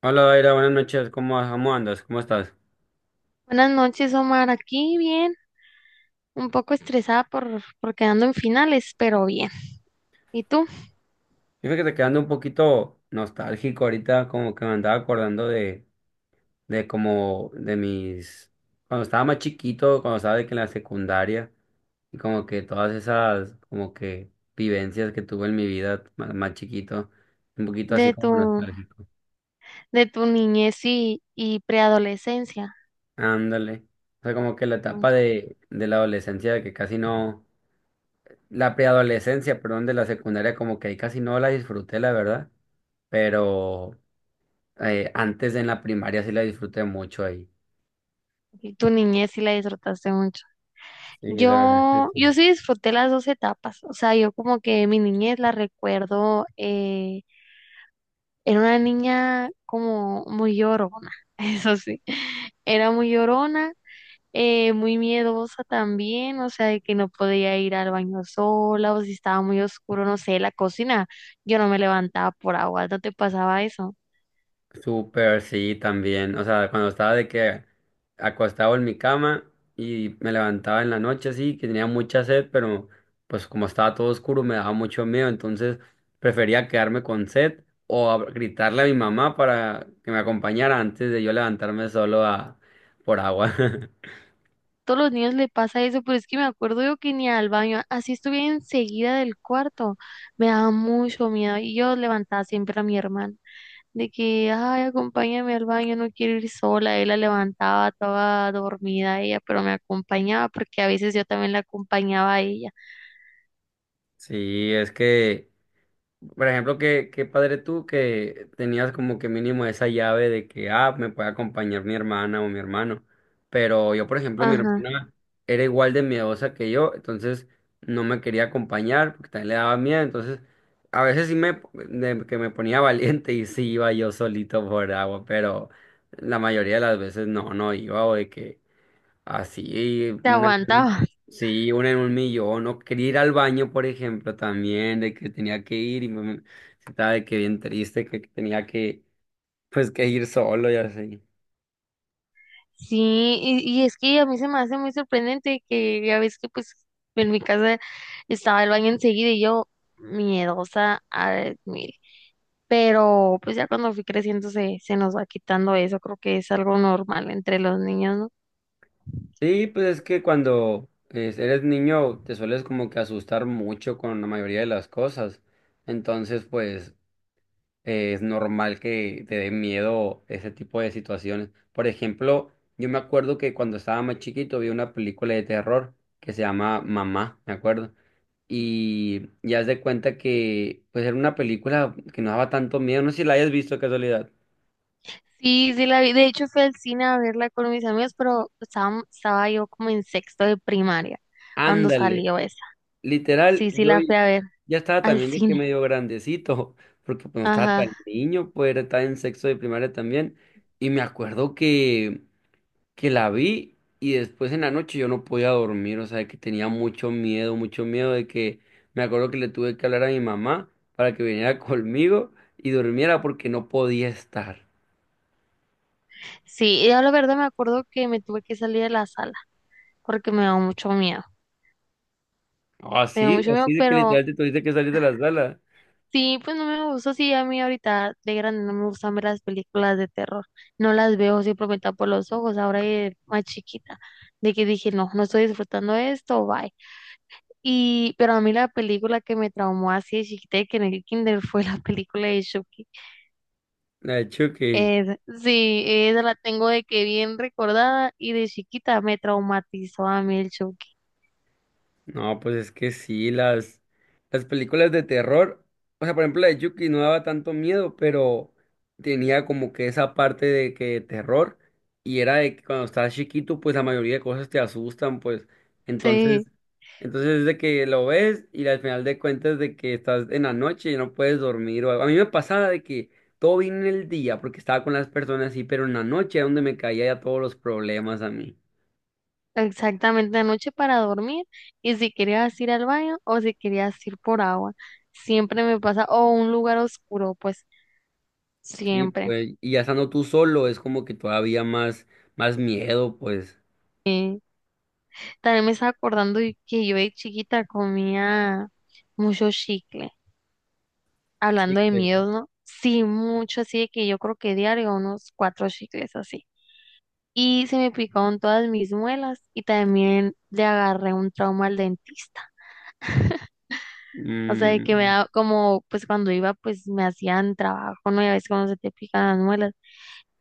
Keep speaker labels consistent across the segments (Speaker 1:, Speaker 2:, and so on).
Speaker 1: Hola, Daira, buenas noches. ¿Cómo, vas? Cómo andas? ¿Cómo estás?
Speaker 2: Buenas noches, Omar. Aquí bien, un poco estresada por quedando en finales, pero bien. ¿Y tú?
Speaker 1: Fíjate que quedando un poquito nostálgico ahorita, como que me andaba acordando de cuando estaba más chiquito, cuando estaba de que en la secundaria, y como que todas esas, como que vivencias que tuve en mi vida más chiquito, un poquito
Speaker 2: De
Speaker 1: así
Speaker 2: tu,
Speaker 1: como nostálgico.
Speaker 2: de tu niñez y preadolescencia.
Speaker 1: Ándale. O sea, como que la
Speaker 2: ¿No?
Speaker 1: etapa de la adolescencia, que casi no, la preadolescencia, perdón, de la secundaria, como que ahí casi no la disfruté, la verdad. Pero antes en la primaria sí la disfruté mucho ahí.
Speaker 2: Y tu niñez sí la disfrutaste mucho.
Speaker 1: Sí, la verdad es que
Speaker 2: Yo,
Speaker 1: sí.
Speaker 2: yo sí disfruté las dos etapas. O sea, yo como que mi niñez la recuerdo, era una niña como muy llorona, eso sí. Era muy llorona, muy miedosa también, o sea, de que no podía ir al baño sola o si estaba muy oscuro, no sé, la cocina, yo no me levantaba por agua, ¿no te pasaba eso?
Speaker 1: Súper, sí, también. O sea, cuando estaba de que acostado en mi cama y me levantaba en la noche, sí, que tenía mucha sed, pero pues como estaba todo oscuro me daba mucho miedo, entonces prefería quedarme con sed o gritarle a mi mamá para que me acompañara antes de yo levantarme solo a por agua.
Speaker 2: Todos los niños le pasa eso, pero es que me acuerdo yo que ni al baño, así estuviera enseguida del cuarto, me daba mucho miedo y yo levantaba siempre a mi hermana de que, ay, acompáñame al baño, no quiero ir sola, él la levantaba toda dormida ella, pero me acompañaba porque a veces yo también la acompañaba a ella.
Speaker 1: Sí, es que por ejemplo, qué padre tú que tenías como que mínimo esa llave de que, ah, me puede acompañar mi hermana o mi hermano. Pero yo, por ejemplo, mi
Speaker 2: Ajá,
Speaker 1: hermana era igual de miedosa que yo, entonces no me quería acompañar porque también le daba miedo. Entonces, a veces sí me, de que me ponía valiente y sí iba yo solito por agua, pero la mayoría de las veces no, no iba o de que así,
Speaker 2: te
Speaker 1: una,
Speaker 2: aguantaba.
Speaker 1: sí, una en un millón. No quería ir al baño, por ejemplo, también, de que tenía que ir y me estaba de que bien triste, que tenía que, pues, que ir solo y así.
Speaker 2: Sí, y es que a mí se me hace muy sorprendente que ya ves que pues en mi casa estaba el baño enseguida y yo miedosa al mil. Pero pues ya cuando fui creciendo se nos va quitando eso, creo que es algo normal entre los niños, ¿no?
Speaker 1: Sí, pues es que cuando eres niño te sueles como que asustar mucho con la mayoría de las cosas. Entonces, pues, es normal que te dé miedo ese tipo de situaciones. Por ejemplo, yo me acuerdo que cuando estaba más chiquito vi una película de terror que se llama Mamá, me acuerdo. Y ya haz de cuenta que pues era una película que no daba tanto miedo, no sé si la hayas visto de casualidad.
Speaker 2: Sí, sí la vi, de hecho fui al cine a verla con mis amigos, pero estaba yo como en sexto de primaria cuando
Speaker 1: Ándale,
Speaker 2: salió esa.
Speaker 1: literal,
Speaker 2: Sí, sí la fui a ver
Speaker 1: ya estaba
Speaker 2: al
Speaker 1: también de que
Speaker 2: cine.
Speaker 1: medio grandecito, porque pues no estaba tan
Speaker 2: Ajá.
Speaker 1: niño, pues estaba en sexto de primaria también, y me acuerdo que la vi y después en la noche yo no podía dormir, o sea, de que tenía mucho miedo de que, me acuerdo que le tuve que hablar a mi mamá para que viniera conmigo y durmiera porque no podía estar.
Speaker 2: Sí, yo la verdad me acuerdo que me tuve que salir de la sala, porque me da mucho miedo. Me da
Speaker 1: Así,
Speaker 2: mucho
Speaker 1: así
Speaker 2: miedo,
Speaker 1: de que
Speaker 2: pero
Speaker 1: literalmente tuviste que salir de la sala.
Speaker 2: sí, pues no me gusta. Sí, a mí ahorita de grande no me gustan ver las películas de terror. No las veo siempre simplemente por los ojos, ahora de más chiquita, de que dije, no, no estoy disfrutando de esto, bye. Y, pero a mí la película que me traumó así de chiquita de que en el kinder fue la película de Chucky.
Speaker 1: La de choque.
Speaker 2: Sí, esa la tengo de que bien recordada y de chiquita me traumatizó a mí el Chucky.
Speaker 1: No, pues es que sí, las películas de terror, o sea, por ejemplo, la de Chucky no daba tanto miedo, pero tenía como que esa parte de que terror, y era de que cuando estás chiquito, pues la mayoría de cosas te asustan, pues, entonces,
Speaker 2: Sí.
Speaker 1: entonces es de que lo ves y al final de cuentas de que estás en la noche y no puedes dormir, o algo. A mí me pasaba de que todo vino en el día, porque estaba con las personas así, pero en la noche era donde me caía ya todos los problemas a mí.
Speaker 2: Exactamente, anoche para dormir y si querías ir al baño o si querías ir por agua, siempre me pasa, o un lugar oscuro, pues
Speaker 1: Sí,
Speaker 2: siempre.
Speaker 1: pues, y ya estando tú solo es como que todavía más miedo, pues.
Speaker 2: Eh, También me estaba acordando y que yo de chiquita comía mucho chicle,
Speaker 1: Sí,
Speaker 2: hablando de
Speaker 1: pues,
Speaker 2: miedos, ¿no? Sí, mucho, así de que yo creo que diario unos cuatro chicles así. Y se me picaron todas mis muelas y también le agarré un trauma al dentista. O sea, de que me
Speaker 1: mm,
Speaker 2: da como, pues cuando iba, pues me hacían trabajo, ¿no? Y a veces cuando se te pican las muelas.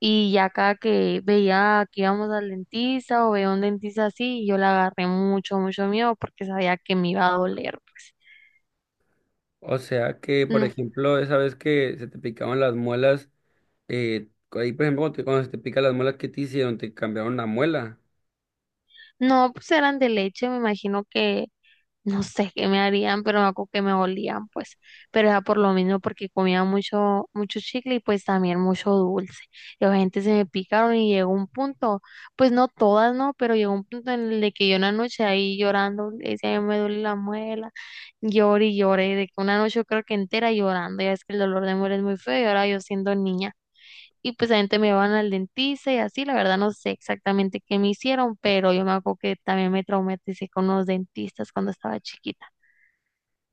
Speaker 2: Y ya cada que veía que íbamos al dentista o veía un dentista así, yo le agarré mucho, mucho miedo porque sabía que me iba a doler, pues.
Speaker 1: o sea que, por
Speaker 2: No,
Speaker 1: ejemplo, esa vez que se te picaban las muelas, ahí, por ejemplo, cuando se te pican las muelas, ¿qué te hicieron? ¿Te cambiaron la muela?
Speaker 2: no, pues eran de leche, me imagino que no sé qué me harían, pero me acuerdo que me olían, pues. Pero era por lo mismo, porque comía mucho, mucho chicle y pues también mucho dulce. Y la gente se me picaron y llegó un punto, pues no todas, ¿no? Pero llegó un punto en el de que yo una noche ahí llorando, le decía, "Ay, me duele la muela," lloré y lloré, de que una noche yo creo que entera llorando, ya es que el dolor de muela es muy feo y ahora yo siendo niña y pues también te me van al dentista y así, la verdad no sé exactamente qué me hicieron, pero yo me acuerdo que también me traumaticé con los dentistas cuando estaba chiquita.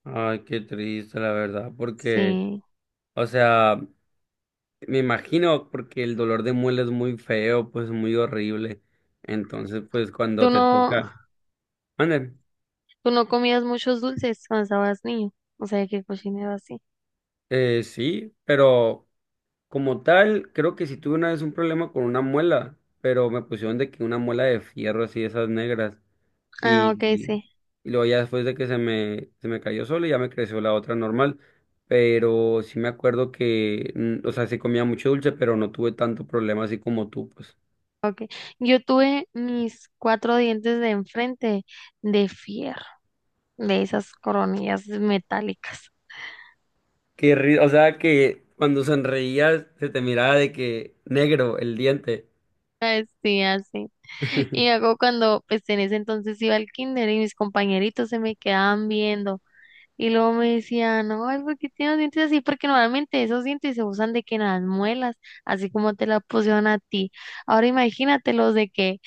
Speaker 1: Ay, qué triste, la verdad, porque,
Speaker 2: Sí.
Speaker 1: o sea, me imagino, porque el dolor de muela es muy feo, pues muy horrible. Entonces, pues cuando
Speaker 2: ¿Tú
Speaker 1: te
Speaker 2: no,
Speaker 1: toca, mande.
Speaker 2: tú no comías muchos dulces cuando estabas niño? O sea, que cocinero así.
Speaker 1: Sí, pero como tal, creo que sí tuve una vez un problema con una muela, pero me pusieron de que una muela de fierro así, esas negras.
Speaker 2: Ah, ok,
Speaker 1: Y,
Speaker 2: sí.
Speaker 1: y luego ya después de que se me cayó sola, ya me creció la otra normal. Pero sí me acuerdo que, mm, o sea, sí comía mucho dulce, pero no tuve tanto problema así como tú, pues.
Speaker 2: Ok. Yo tuve mis cuatro dientes de enfrente de fierro, de esas coronillas metálicas.
Speaker 1: O sea, que cuando sonreías se te miraba de que negro el diente.
Speaker 2: Ay, sí, así. Y hago cuando, pues en ese entonces iba al kinder y mis compañeritos se me quedaban viendo. Y luego me decían, ay, ¿por qué tienes los dientes así? Porque normalmente esos dientes se usan de que en las muelas, así como te la pusieron a ti. Ahora imagínatelos de que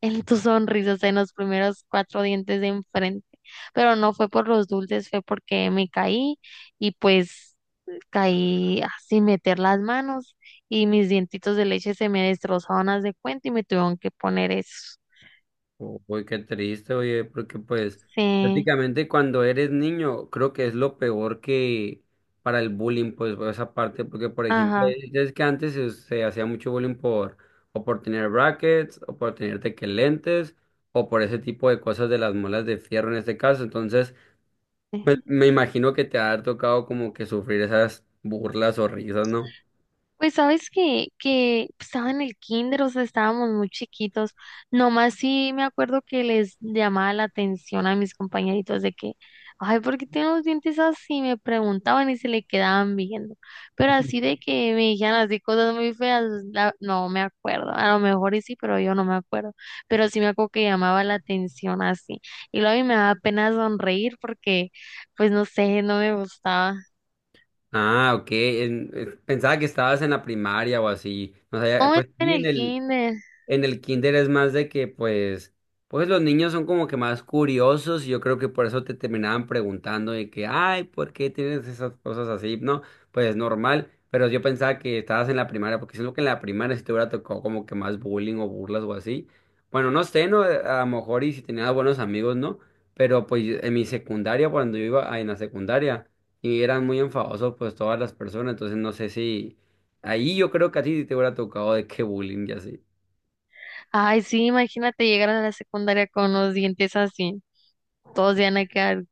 Speaker 2: en tu sonrisa, o sea, en los primeros cuatro dientes de enfrente. Pero no fue por los dulces, fue porque me caí y pues caí sin meter las manos y mis dientitos de leche se me destrozaron, haz de cuenta, y me tuvieron que poner eso.
Speaker 1: Uy, qué triste, oye, porque pues
Speaker 2: Sí,
Speaker 1: prácticamente cuando eres niño creo que es lo peor que para el bullying, pues por esa parte, porque por ejemplo,
Speaker 2: ajá.
Speaker 1: es que antes se hacía mucho bullying por o por tener brackets o por tener tequelentes o por ese tipo de cosas de las muelas de fierro en este caso, entonces pues, me imagino que te ha tocado como que sufrir esas burlas o risas, ¿no?
Speaker 2: Pues sabes que estaba en el kinder, o sea, estábamos muy chiquitos. Nomás sí me acuerdo que les llamaba la atención a mis compañeritos de que, ay, ¿por qué tienen los dientes así? Me preguntaban y se le quedaban viendo. Pero así de que me dijeran así cosas muy feas, no me acuerdo. A lo mejor y sí, pero yo no me acuerdo. Pero sí me acuerdo que llamaba la atención así. Y luego a mí me daba pena sonreír porque, pues no sé, no me gustaba.
Speaker 1: Ah, ok, pensaba que estabas en la primaria o así, o sea,
Speaker 2: ¿Cómo
Speaker 1: pues
Speaker 2: está en
Speaker 1: sí, en
Speaker 2: el
Speaker 1: el...
Speaker 2: kinder?
Speaker 1: En el kinder es más de que, pues, pues los niños son como que más curiosos y yo creo que por eso te terminaban preguntando de que, ay, ¿por qué tienes esas cosas así? No, pues es normal, pero yo pensaba que estabas en la primaria, porque siento que en la primaria si te hubiera tocado como que más bullying o burlas o así. Bueno, no sé, ¿no? A lo mejor y si tenías buenos amigos, ¿no? Pero pues en mi secundaria, cuando yo iba ah, en la secundaria, y eran muy enfadosos pues todas las personas, entonces no sé si ahí yo creo que a ti sí te hubiera tocado de qué bullying y así.
Speaker 2: Ay, sí, imagínate llegar a la secundaria con los dientes así. Todos se van a quedar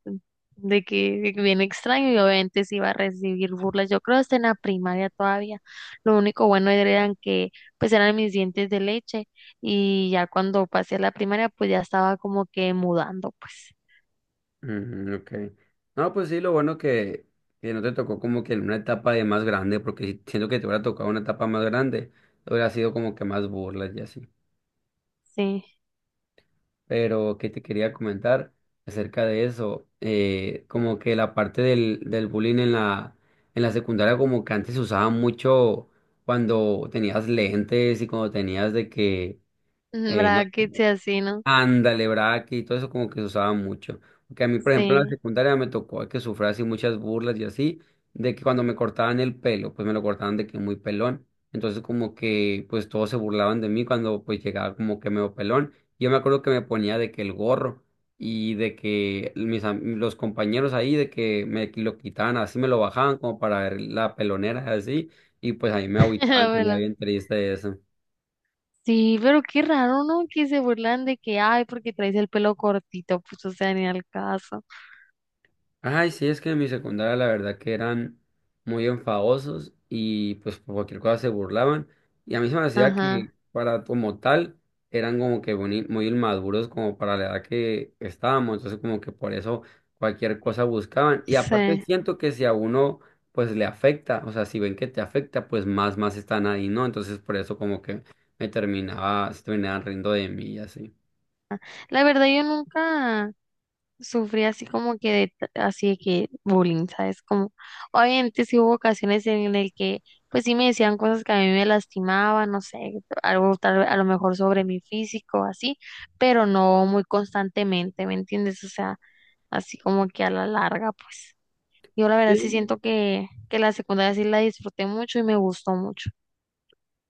Speaker 2: de que bien extraño y obviamente sí iba a recibir burlas. Yo creo hasta en la primaria todavía. Lo único bueno eran que pues eran mis dientes de leche y ya cuando pasé a la primaria pues ya estaba como que mudando pues.
Speaker 1: Mm, ok. No, pues sí, lo bueno que no te tocó como que en una etapa de más grande, porque siento que te hubiera tocado una etapa más grande, hubiera sido como que más burlas y así.
Speaker 2: Sí.
Speaker 1: Pero que te quería comentar acerca de eso, como que la parte del bullying en en la secundaria, como que antes se usaba mucho cuando tenías lentes y cuando tenías de que, no
Speaker 2: ¿Verdad que sea así, no?
Speaker 1: ándale, braque y todo eso como que se usaba mucho. Porque a mí, por ejemplo, en la
Speaker 2: Sí.
Speaker 1: secundaria me tocó que sufrí así muchas burlas y así, de que cuando me cortaban el pelo, pues me lo cortaban de que muy pelón. Entonces como que pues todos se burlaban de mí cuando pues llegaba como que medio pelón. Yo me acuerdo que me ponía de que el gorro y de que los compañeros ahí de que me lo quitaban así, me lo bajaban como para ver la pelonera así. Y pues ahí me agüitaba, me ponía
Speaker 2: Bueno,
Speaker 1: bien triste eso.
Speaker 2: sí, pero qué raro, ¿no? Que se burlan de que, ay, porque traes el pelo cortito, pues o sea, ni al caso.
Speaker 1: Ay, sí, es que en mi secundaria la verdad que eran muy enfadosos y pues por cualquier cosa se burlaban. Y a mí se me hacía que
Speaker 2: Ajá.
Speaker 1: para como tal eran como que muy inmaduros como para la edad que estábamos. Entonces como que por eso cualquier cosa buscaban. Y aparte
Speaker 2: Sí.
Speaker 1: siento que si a uno pues le afecta, o sea, si ven que te afecta, pues más están ahí, ¿no? Entonces por eso como que me terminaba, se terminaban riendo de mí y así.
Speaker 2: La verdad, yo nunca sufrí así como que así de que bullying, ¿sabes? Como, obviamente sí hubo ocasiones en el que, pues sí me decían cosas que a mí me lastimaban, no sé, algo tal, a lo mejor sobre mi físico, así, pero no muy constantemente, ¿me entiendes? O sea, así como que a la larga, pues. Yo la verdad sí siento que la secundaria sí la disfruté mucho y me gustó mucho.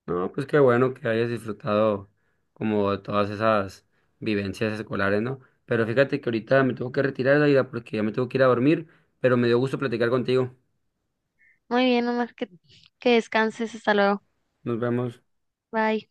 Speaker 1: No, pues qué bueno que hayas disfrutado como todas esas vivencias escolares, ¿no? Pero fíjate que ahorita me tengo que retirar, Daida, porque ya me tengo que ir a dormir, pero me dio gusto platicar contigo.
Speaker 2: Muy bien, Omar, que descanses, hasta luego.
Speaker 1: Nos vemos.
Speaker 2: Bye.